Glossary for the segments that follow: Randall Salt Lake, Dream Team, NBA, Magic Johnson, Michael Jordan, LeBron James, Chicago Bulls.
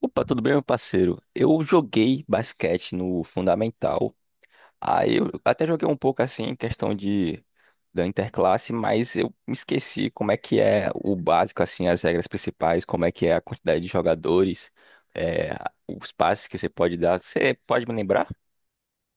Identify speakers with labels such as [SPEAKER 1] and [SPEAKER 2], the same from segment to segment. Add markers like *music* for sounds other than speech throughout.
[SPEAKER 1] Opa, tudo bem, meu parceiro? Eu joguei basquete no Fundamental. Aí eu até joguei um pouco assim, em questão de da interclasse, mas eu me esqueci como é que é o básico, assim, as regras principais, como é que é a quantidade de jogadores, é, os passes que você pode dar. Você pode me lembrar?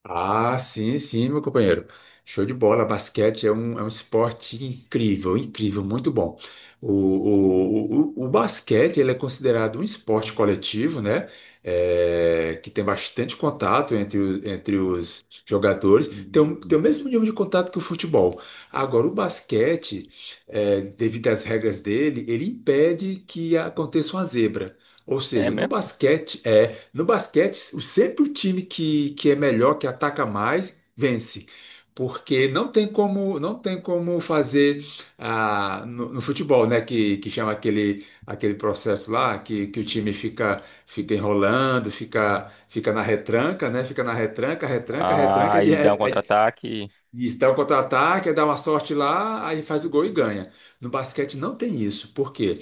[SPEAKER 2] Ah, sim, sim, meu companheiro. Show de bola. Basquete é um esporte incrível, incrível, muito bom. O basquete ele é considerado um esporte coletivo, né? É, que tem bastante contato entre, entre os jogadores.
[SPEAKER 1] Hum.
[SPEAKER 2] Tem o mesmo nível de contato que o futebol. Agora, o basquete, devido às regras dele, ele impede que aconteça uma zebra. Ou
[SPEAKER 1] É
[SPEAKER 2] seja,
[SPEAKER 1] mesmo?
[SPEAKER 2] no basquete, sempre o time que é melhor, que ataca mais, vence. Porque não tem como fazer no futebol, né? Que chama aquele processo lá, que o time fica enrolando, fica na retranca, né? Fica na retranca, retranca,
[SPEAKER 1] Ah,
[SPEAKER 2] retranca, de,
[SPEAKER 1] ele dá um contra-ataque.
[SPEAKER 2] isso, dá o contra-ataque, aí dá uma sorte lá, aí faz o gol e ganha. No basquete não tem isso. Por quê?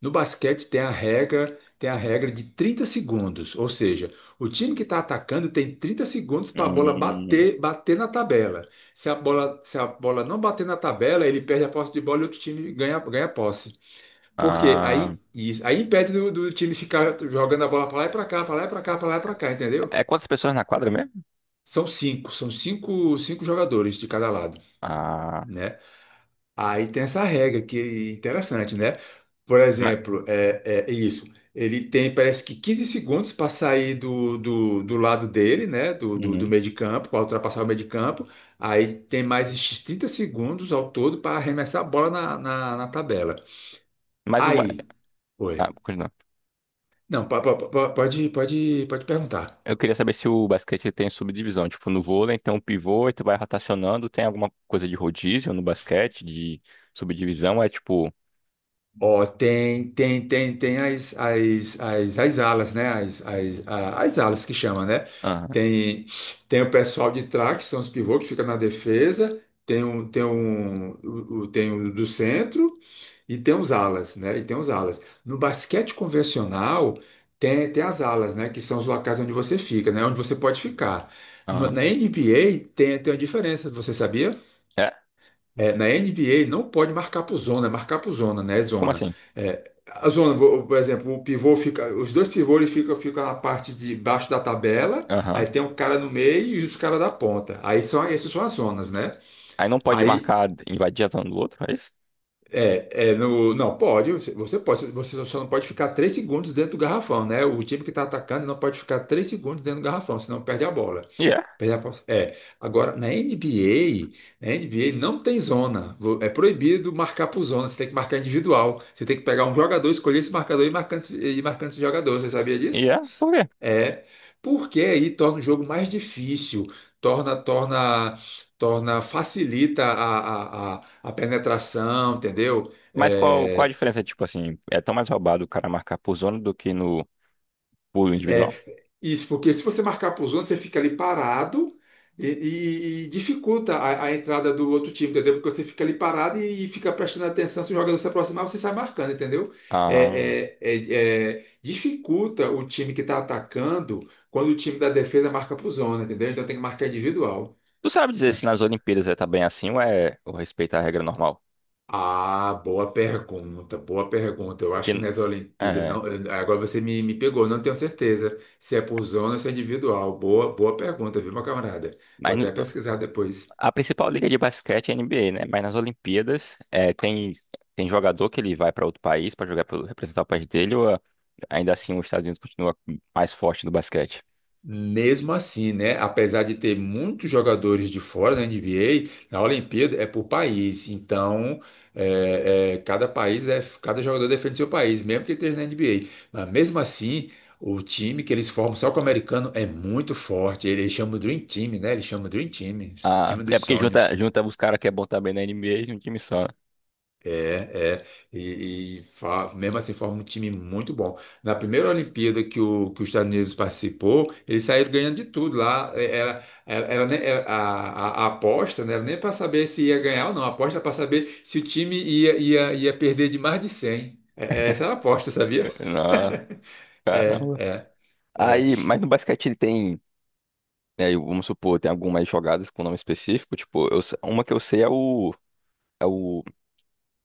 [SPEAKER 2] No basquete tem a regra de 30 segundos, ou seja, o time que está atacando tem 30 segundos para a bola
[SPEAKER 1] Hum,
[SPEAKER 2] bater na tabela. Se a bola não bater na tabela, ele perde a posse de bola e outro time ganha a posse. Porque
[SPEAKER 1] ah,
[SPEAKER 2] Aí, isso, aí impede do time ficar jogando a bola para lá e para cá, para lá e para cá, para lá e para cá, entendeu?
[SPEAKER 1] é quantas pessoas na quadra mesmo?
[SPEAKER 2] Cinco jogadores de cada lado,
[SPEAKER 1] Ah,
[SPEAKER 2] né? Aí tem essa regra que é interessante, né? Por
[SPEAKER 1] ma-
[SPEAKER 2] exemplo, é isso. Ele tem, parece que 15 segundos para sair do lado dele, né? Do
[SPEAKER 1] hum,
[SPEAKER 2] meio de campo, para ultrapassar o meio de campo. Aí tem mais esses 30 segundos ao todo para arremessar a bola na tabela.
[SPEAKER 1] mas o.
[SPEAKER 2] Aí,
[SPEAKER 1] Ah.
[SPEAKER 2] oi. Não, pode perguntar.
[SPEAKER 1] Eu queria saber se o basquete tem subdivisão. Tipo, no vôlei, então, pivô, e tu vai rotacionando. Tem alguma coisa de rodízio no basquete, de subdivisão? É tipo.
[SPEAKER 2] Ó, tem as alas, né? As alas que chama, né?
[SPEAKER 1] Aham,
[SPEAKER 2] Tem, Tem o pessoal de trás, que são os pivôs que fica na defesa, tem o do centro e tem os alas, né? E tem os alas. No basquete convencional, tem as alas, né? Que são os locais onde você fica, né? Onde você pode ficar. Na
[SPEAKER 1] aham.
[SPEAKER 2] NBA tem uma diferença, você sabia?
[SPEAKER 1] É?
[SPEAKER 2] É, na NBA não pode marcar por zona, é marcar por zona, né? É
[SPEAKER 1] Como
[SPEAKER 2] zona.
[SPEAKER 1] assim?
[SPEAKER 2] É, a zona, por exemplo, os dois pivôs eles ficam na parte de baixo da tabela, aí
[SPEAKER 1] Aham.
[SPEAKER 2] tem um cara no meio e os caras da ponta. Essas são as zonas, né?
[SPEAKER 1] Aí não pode
[SPEAKER 2] Aí
[SPEAKER 1] marcar, invadir a zona do outro, é isso?
[SPEAKER 2] não pode, você só não pode ficar 3 segundos dentro do garrafão, né? O time que está atacando não pode ficar 3 segundos dentro do garrafão, senão perde a bola.
[SPEAKER 1] E é?
[SPEAKER 2] É, agora na NBA, na NBA não tem zona. É proibido marcar por zona, você tem que marcar individual. Você tem que pegar um jogador, escolher esse marcador e marcando, e marcando esse jogador. Você sabia
[SPEAKER 1] E
[SPEAKER 2] disso?
[SPEAKER 1] é? Por quê?
[SPEAKER 2] É, porque aí torna o jogo mais difícil, torna, torna, torna, facilita a penetração, entendeu?
[SPEAKER 1] Mas qual, qual a diferença? Tipo assim, é tão mais roubado o cara marcar por zona do que no por
[SPEAKER 2] É,
[SPEAKER 1] individual?
[SPEAKER 2] Isso, porque se você marcar por zona, você fica ali parado e, e dificulta a entrada do outro time, entendeu? Porque você fica ali parado e fica prestando atenção. Se o jogador se aproximar, você sai marcando, entendeu?
[SPEAKER 1] Ah.
[SPEAKER 2] Dificulta o time que está atacando quando o time da defesa marca por zona, entendeu? Então tem que marcar individual.
[SPEAKER 1] Tu sabe dizer se nas Olimpíadas é também assim ou é ou respeita a regra normal?
[SPEAKER 2] Ah, boa pergunta, boa pergunta. Eu acho que
[SPEAKER 1] Porque.
[SPEAKER 2] nas Olimpíadas,
[SPEAKER 1] É.
[SPEAKER 2] não, agora você me pegou, não tenho certeza se é por zona ou se é individual. Boa pergunta, viu, meu camarada? Vou
[SPEAKER 1] Mas,
[SPEAKER 2] até pesquisar depois.
[SPEAKER 1] a principal liga de basquete é a NBA, né? Mas nas Olimpíadas é, tem, tem jogador que ele vai para outro país para jogar pelo- representar o país dele, ou ah, ainda assim os Estados Unidos continua mais forte no basquete?
[SPEAKER 2] Mesmo assim, né, apesar de ter muitos jogadores de fora da NBA, na Olimpíada é por país. Então, cada país cada jogador defende seu país, mesmo que ele esteja na NBA. Mas mesmo assim, o time que eles formam só com o americano é muito forte. Eles chamam Dream Team, né? Eles chamam Dream Team,
[SPEAKER 1] Ah,
[SPEAKER 2] time
[SPEAKER 1] é
[SPEAKER 2] dos
[SPEAKER 1] porque junta,
[SPEAKER 2] sonhos.
[SPEAKER 1] junta os caras que é bom também na NBA em um time só. Né?
[SPEAKER 2] É, é, mesmo assim forma um time muito bom. Na primeira Olimpíada que os Estados Unidos participou, eles saíram ganhando de tudo lá. É, Era, era, era nem- era- a- A aposta não era nem para saber se ia ganhar ou não, a aposta era para saber se o time ia perder de mais de 100. Essa era a aposta, sabia?
[SPEAKER 1] *laughs* Ah,
[SPEAKER 2] *laughs* É,
[SPEAKER 1] caramba.
[SPEAKER 2] é, é,
[SPEAKER 1] Aí, mas no basquete ele tem, né, vamos supor, tem algumas jogadas com nome específico, tipo, eu se- uma que eu sei é é o,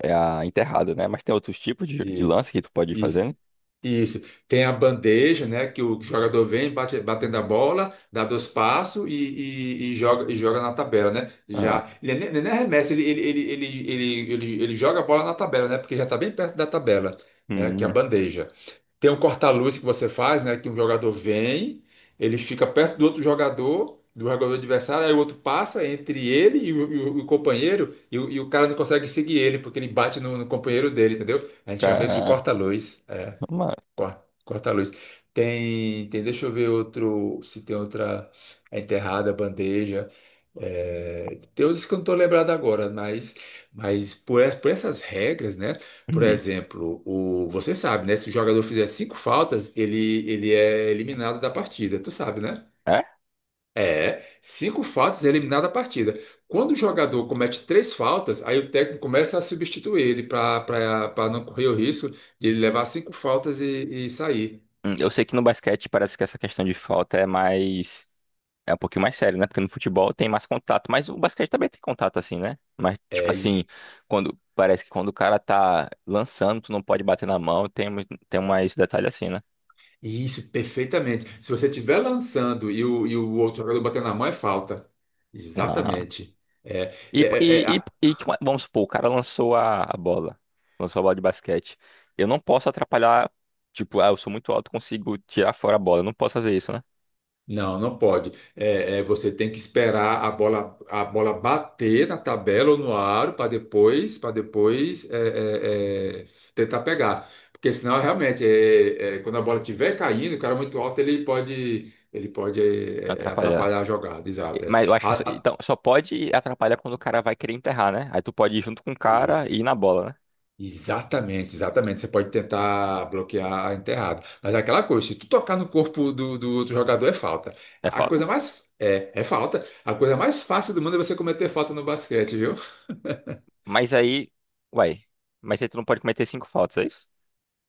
[SPEAKER 1] é a enterrada, né? Mas tem outros tipos de
[SPEAKER 2] isso,
[SPEAKER 1] lance que tu pode fazer,
[SPEAKER 2] isso.
[SPEAKER 1] né?
[SPEAKER 2] Isso. Tem a bandeja, né? Que o jogador vem batendo a bola, dá dois passos e, e joga, na tabela, né?
[SPEAKER 1] Ah,
[SPEAKER 2] Já. Ele nem arremessa, ele joga a bola na tabela, né? Porque já está bem perto da tabela, né? Que é a
[SPEAKER 1] hum,
[SPEAKER 2] bandeja. Tem um corta-luz que você faz, né? Que um jogador vem, ele fica perto do outro jogador, do jogador adversário, aí o outro passa entre ele e o companheiro, e o cara não consegue seguir ele, porque ele bate no companheiro dele, entendeu? A gente chama isso de
[SPEAKER 1] caramba.
[SPEAKER 2] corta-luz. Corta, corta a luz. Tem, deixa eu ver outro, se tem outra é enterrada, bandeja. É, tem outros que eu não estou lembrado agora, mas, por essas regras, né? Por
[SPEAKER 1] Uhum.
[SPEAKER 2] exemplo, você sabe, né? Se o jogador fizer cinco faltas, ele é eliminado da partida. Tu sabe, né?
[SPEAKER 1] É?
[SPEAKER 2] É, cinco faltas é eliminado da partida. Quando o jogador comete três faltas, aí o técnico começa a substituir ele para não correr o risco de ele levar cinco faltas e sair.
[SPEAKER 1] Hum. Eu sei que no basquete parece que essa questão de falta é mais. É um pouquinho mais sério, né? Porque no futebol tem mais contato, mas o basquete também tem contato assim, né? Mas, tipo
[SPEAKER 2] É is-
[SPEAKER 1] assim, quando parece que quando o cara tá lançando, tu não pode bater na mão, tem, tem mais detalhe assim, né?
[SPEAKER 2] isso, perfeitamente. Se você estiver lançando e o outro jogador bater na mão, é falta.
[SPEAKER 1] Ah.
[SPEAKER 2] Exatamente. É, é,
[SPEAKER 1] E,
[SPEAKER 2] é, é,
[SPEAKER 1] e,
[SPEAKER 2] a-
[SPEAKER 1] e, tipo, vamos supor, o cara lançou a bola, lançou a bola de basquete. Eu não posso atrapalhar, tipo, ah, eu sou muito alto, consigo tirar fora a bola. Eu não posso fazer isso, né?
[SPEAKER 2] não, não pode. Você tem que esperar a bola bater na tabela ou no aro para depois, tentar pegar. Porque senão, realmente, quando a bola estiver caindo, o cara muito alto, ele pode
[SPEAKER 1] Atrapalhar.
[SPEAKER 2] atrapalhar a jogada.
[SPEAKER 1] E-
[SPEAKER 2] Exato. É.
[SPEAKER 1] mas eu acho que só,
[SPEAKER 2] A- a-
[SPEAKER 1] então, só pode atrapalhar quando o cara vai querer enterrar, né? Aí tu pode ir junto com o cara
[SPEAKER 2] isso.
[SPEAKER 1] e ir na bola, né?
[SPEAKER 2] Exatamente, exatamente. Você pode tentar bloquear a enterrada. Mas é aquela coisa, se tu tocar no corpo do outro jogador é falta.
[SPEAKER 1] É
[SPEAKER 2] A
[SPEAKER 1] falta?
[SPEAKER 2] coisa mais é falta. A coisa mais fácil do mundo é você cometer falta no basquete, viu? *laughs*
[SPEAKER 1] Mas aí, uai, mas aí tu não pode cometer cinco faltas, é isso?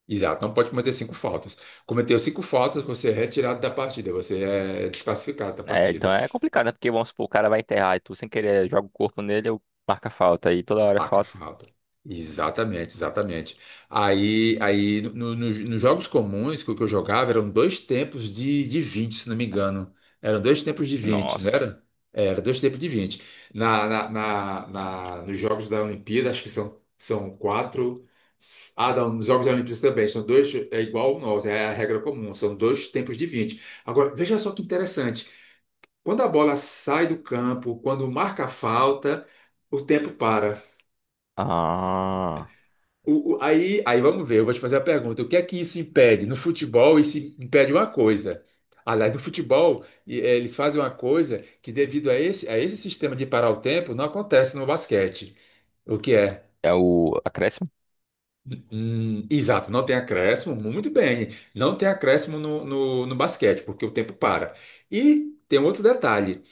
[SPEAKER 2] Exato, não pode cometer cinco faltas. Cometeu cinco faltas, você é retirado da partida, você é desclassificado da
[SPEAKER 1] É, então
[SPEAKER 2] partida.
[SPEAKER 1] é complicado, né? Porque vamos supor, o cara vai enterrar e tu sem querer joga o corpo nele, eu marca falta, aí toda hora é
[SPEAKER 2] Paca
[SPEAKER 1] falta.
[SPEAKER 2] falta. Exatamente, exatamente. Aí, aí no- no- no- Nos jogos comuns que eu jogava eram dois tempos de 20, se não me engano. Eram dois tempos de 20, não
[SPEAKER 1] Nossa.
[SPEAKER 2] era? É, era dois tempos de 20. Nos jogos da Olimpíada, acho que são quatro. Ah, não, nos jogos da Olimpíada também, são dois, é igual o nosso, é a regra comum, são dois tempos de 20. Agora, veja só que interessante. Quando a bola sai do campo, quando marca a falta, o tempo para.
[SPEAKER 1] Ah,
[SPEAKER 2] Aí vamos ver, eu vou te fazer a pergunta: o que é que isso impede? No futebol, isso impede uma coisa. Aliás, no futebol, eles fazem uma coisa que, devido a esse, sistema de parar o tempo, não acontece no basquete. O que é?
[SPEAKER 1] é o acréscimo?
[SPEAKER 2] Exato, não tem acréscimo, muito bem. Não tem acréscimo no basquete, porque o tempo para. E tem um outro detalhe: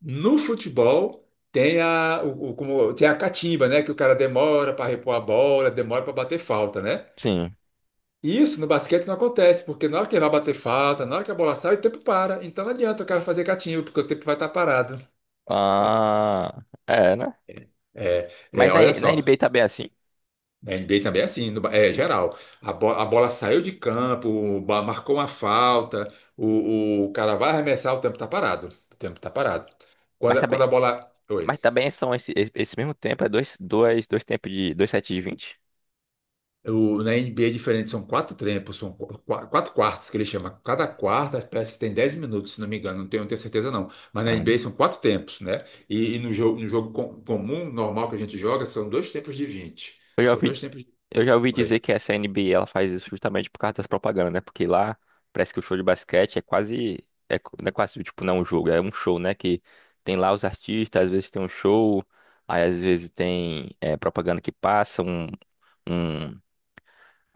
[SPEAKER 2] no futebol. Tem a, o- Como, tem a catimba, né? Que o cara demora para repor a bola, demora para bater falta, né?
[SPEAKER 1] Sim.
[SPEAKER 2] Isso no basquete não acontece, porque na hora que vai bater falta, na hora que a bola sai, o tempo para. Então não adianta o cara fazer catimba, porque o tempo vai estar parado.
[SPEAKER 1] Ah, é, né? Mas na,
[SPEAKER 2] Olha
[SPEAKER 1] na
[SPEAKER 2] só,
[SPEAKER 1] NBA tá bem assim.
[SPEAKER 2] na NBA também é assim, no ba- é geral. A a bola saiu de campo, marcou uma falta, o cara vai arremessar, o tempo está parado. O tempo está parado.
[SPEAKER 1] Mas
[SPEAKER 2] Quando,
[SPEAKER 1] tá
[SPEAKER 2] quando
[SPEAKER 1] bem,
[SPEAKER 2] a bola. Oi.
[SPEAKER 1] mas também são esse, esse esse mesmo tempo, é dois, dois, dois tempos de dois sets de vinte?
[SPEAKER 2] O, na NBA é diferente, são quatro tempos, quatro quartos que ele chama. Cada quarta parece que tem 10 minutos, se não me engano, não tenho certeza não. Mas na NBA
[SPEAKER 1] Hum.
[SPEAKER 2] são quatro tempos, né? E no jogo, comum, normal que a gente joga, são dois tempos de 20.
[SPEAKER 1] Eu já
[SPEAKER 2] São
[SPEAKER 1] ouvi,
[SPEAKER 2] dois tempos de
[SPEAKER 1] eu já ouvi
[SPEAKER 2] 20.
[SPEAKER 1] dizer que essa NBA ela faz isso justamente por causa das propagandas, né? Porque lá parece que o show de basquete é quase. É, co- não é quase, tipo, não é um jogo, é um show, né? Que tem lá os artistas, às vezes tem um show, aí às vezes tem é, propaganda que passa, um-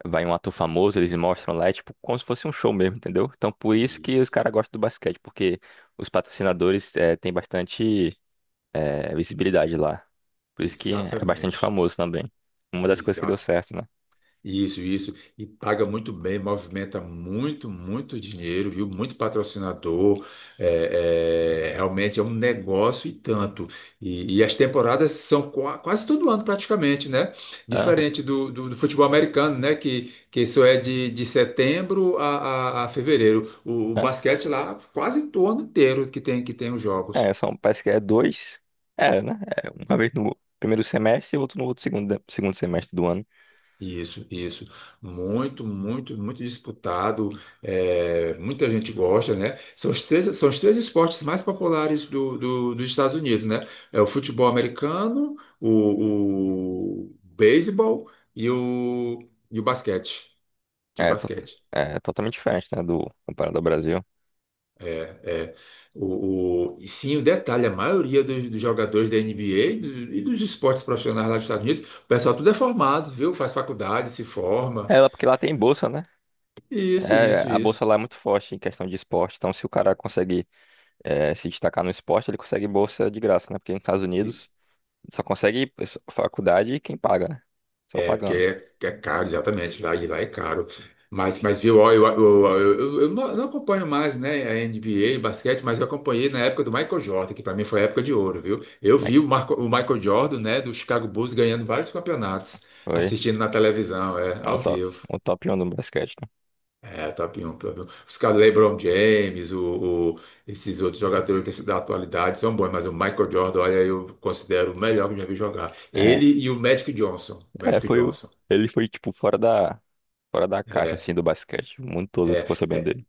[SPEAKER 1] vai um ator famoso, eles mostram lá, é tipo como se fosse um show mesmo, entendeu? Então por isso que os
[SPEAKER 2] Isso.
[SPEAKER 1] caras gostam do basquete, porque os patrocinadores é, têm bastante é, visibilidade lá. Por isso que é bastante
[SPEAKER 2] Exatamente.
[SPEAKER 1] famoso também. Uma das coisas que deu certo, né?
[SPEAKER 2] Isso, isso. E paga muito bem, movimenta muito, muito dinheiro, viu? Muito patrocinador. Realmente é um negócio e tanto. E as temporadas são quase todo ano, praticamente, né?
[SPEAKER 1] Aham.
[SPEAKER 2] Diferente do futebol americano, né? Que isso é de setembro a fevereiro. O basquete lá, quase todo ano inteiro que tem os
[SPEAKER 1] É, é,
[SPEAKER 2] jogos.
[SPEAKER 1] são, parece que é dois. É, né? É, uma vez no primeiro semestre e outro no outro segundo, segundo semestre do ano.
[SPEAKER 2] Isso, isso. Muito, muito, muito disputado. É, muita gente gosta, né? São os três esportes mais populares dos Estados Unidos, né? É o futebol americano, o beisebol e e o basquete. De
[SPEAKER 1] É,
[SPEAKER 2] basquete.
[SPEAKER 1] é totalmente diferente, né? Do, comparado ao Brasil.
[SPEAKER 2] É, é. E sim, o detalhe, a maioria dos jogadores da NBA e e dos esportes profissionais lá dos Estados Unidos, o pessoal tudo é formado, viu? Faz faculdade, se forma.
[SPEAKER 1] É, lá- porque lá tem bolsa, né?
[SPEAKER 2] Isso,
[SPEAKER 1] É,
[SPEAKER 2] isso,
[SPEAKER 1] a bolsa
[SPEAKER 2] isso.
[SPEAKER 1] lá é muito forte em questão de esporte. Então, se o cara consegue é, se destacar no esporte, ele consegue bolsa de graça, né? Porque nos Estados Unidos só consegue faculdade quem paga, né? Só
[SPEAKER 2] É, porque
[SPEAKER 1] pagando.
[SPEAKER 2] é caro, exatamente, lá, e lá é caro. Mas viu, ó, eu não acompanho mais, né, a NBA, basquete, mas eu acompanhei na época do Michael Jordan, que para mim foi a época de ouro, viu? Eu
[SPEAKER 1] Como é
[SPEAKER 2] vi
[SPEAKER 1] que
[SPEAKER 2] O Michael Jordan, né, do Chicago Bulls ganhando vários campeonatos,
[SPEAKER 1] foi?
[SPEAKER 2] assistindo na televisão, é,
[SPEAKER 1] É
[SPEAKER 2] ao vivo.
[SPEAKER 1] o top 1 do basquete, né?
[SPEAKER 2] É, top 1, top 1. Os caras, LeBron James, esses outros jogadores que se da atualidade são bons, mas o Michael Jordan, olha, eu considero o melhor que eu já vi jogar.
[SPEAKER 1] É.
[SPEAKER 2] Ele e o Magic Johnson.
[SPEAKER 1] É,
[SPEAKER 2] Magic
[SPEAKER 1] foi o.
[SPEAKER 2] Johnson.
[SPEAKER 1] Ele foi, tipo, fora da. Fora da caixa,
[SPEAKER 2] É,
[SPEAKER 1] assim, do basquete. O mundo todo
[SPEAKER 2] é,
[SPEAKER 1] ficou sabendo dele.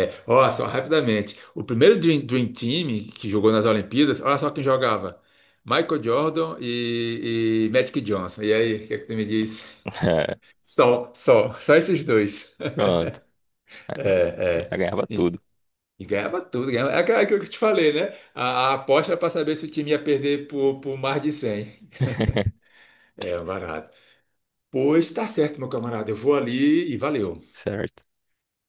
[SPEAKER 2] é. Ó, só rapidamente. O primeiro Dream Team que jogou nas Olimpíadas, olha só quem jogava. Michael Jordan e Magic Johnson. E aí, o que é que tu me diz?
[SPEAKER 1] *laughs* É,
[SPEAKER 2] Só, só, só esses dois. *laughs*
[SPEAKER 1] pronto.
[SPEAKER 2] É,
[SPEAKER 1] Já
[SPEAKER 2] é.
[SPEAKER 1] ganhava
[SPEAKER 2] E,
[SPEAKER 1] tudo.
[SPEAKER 2] e ganhava tudo. Ganhava. É aquela que eu te falei, né? A aposta para saber se o time ia perder por mais de 100.
[SPEAKER 1] *laughs*
[SPEAKER 2] É, um barato. Pois tá certo, meu camarada. Eu vou ali e valeu.
[SPEAKER 1] Certo.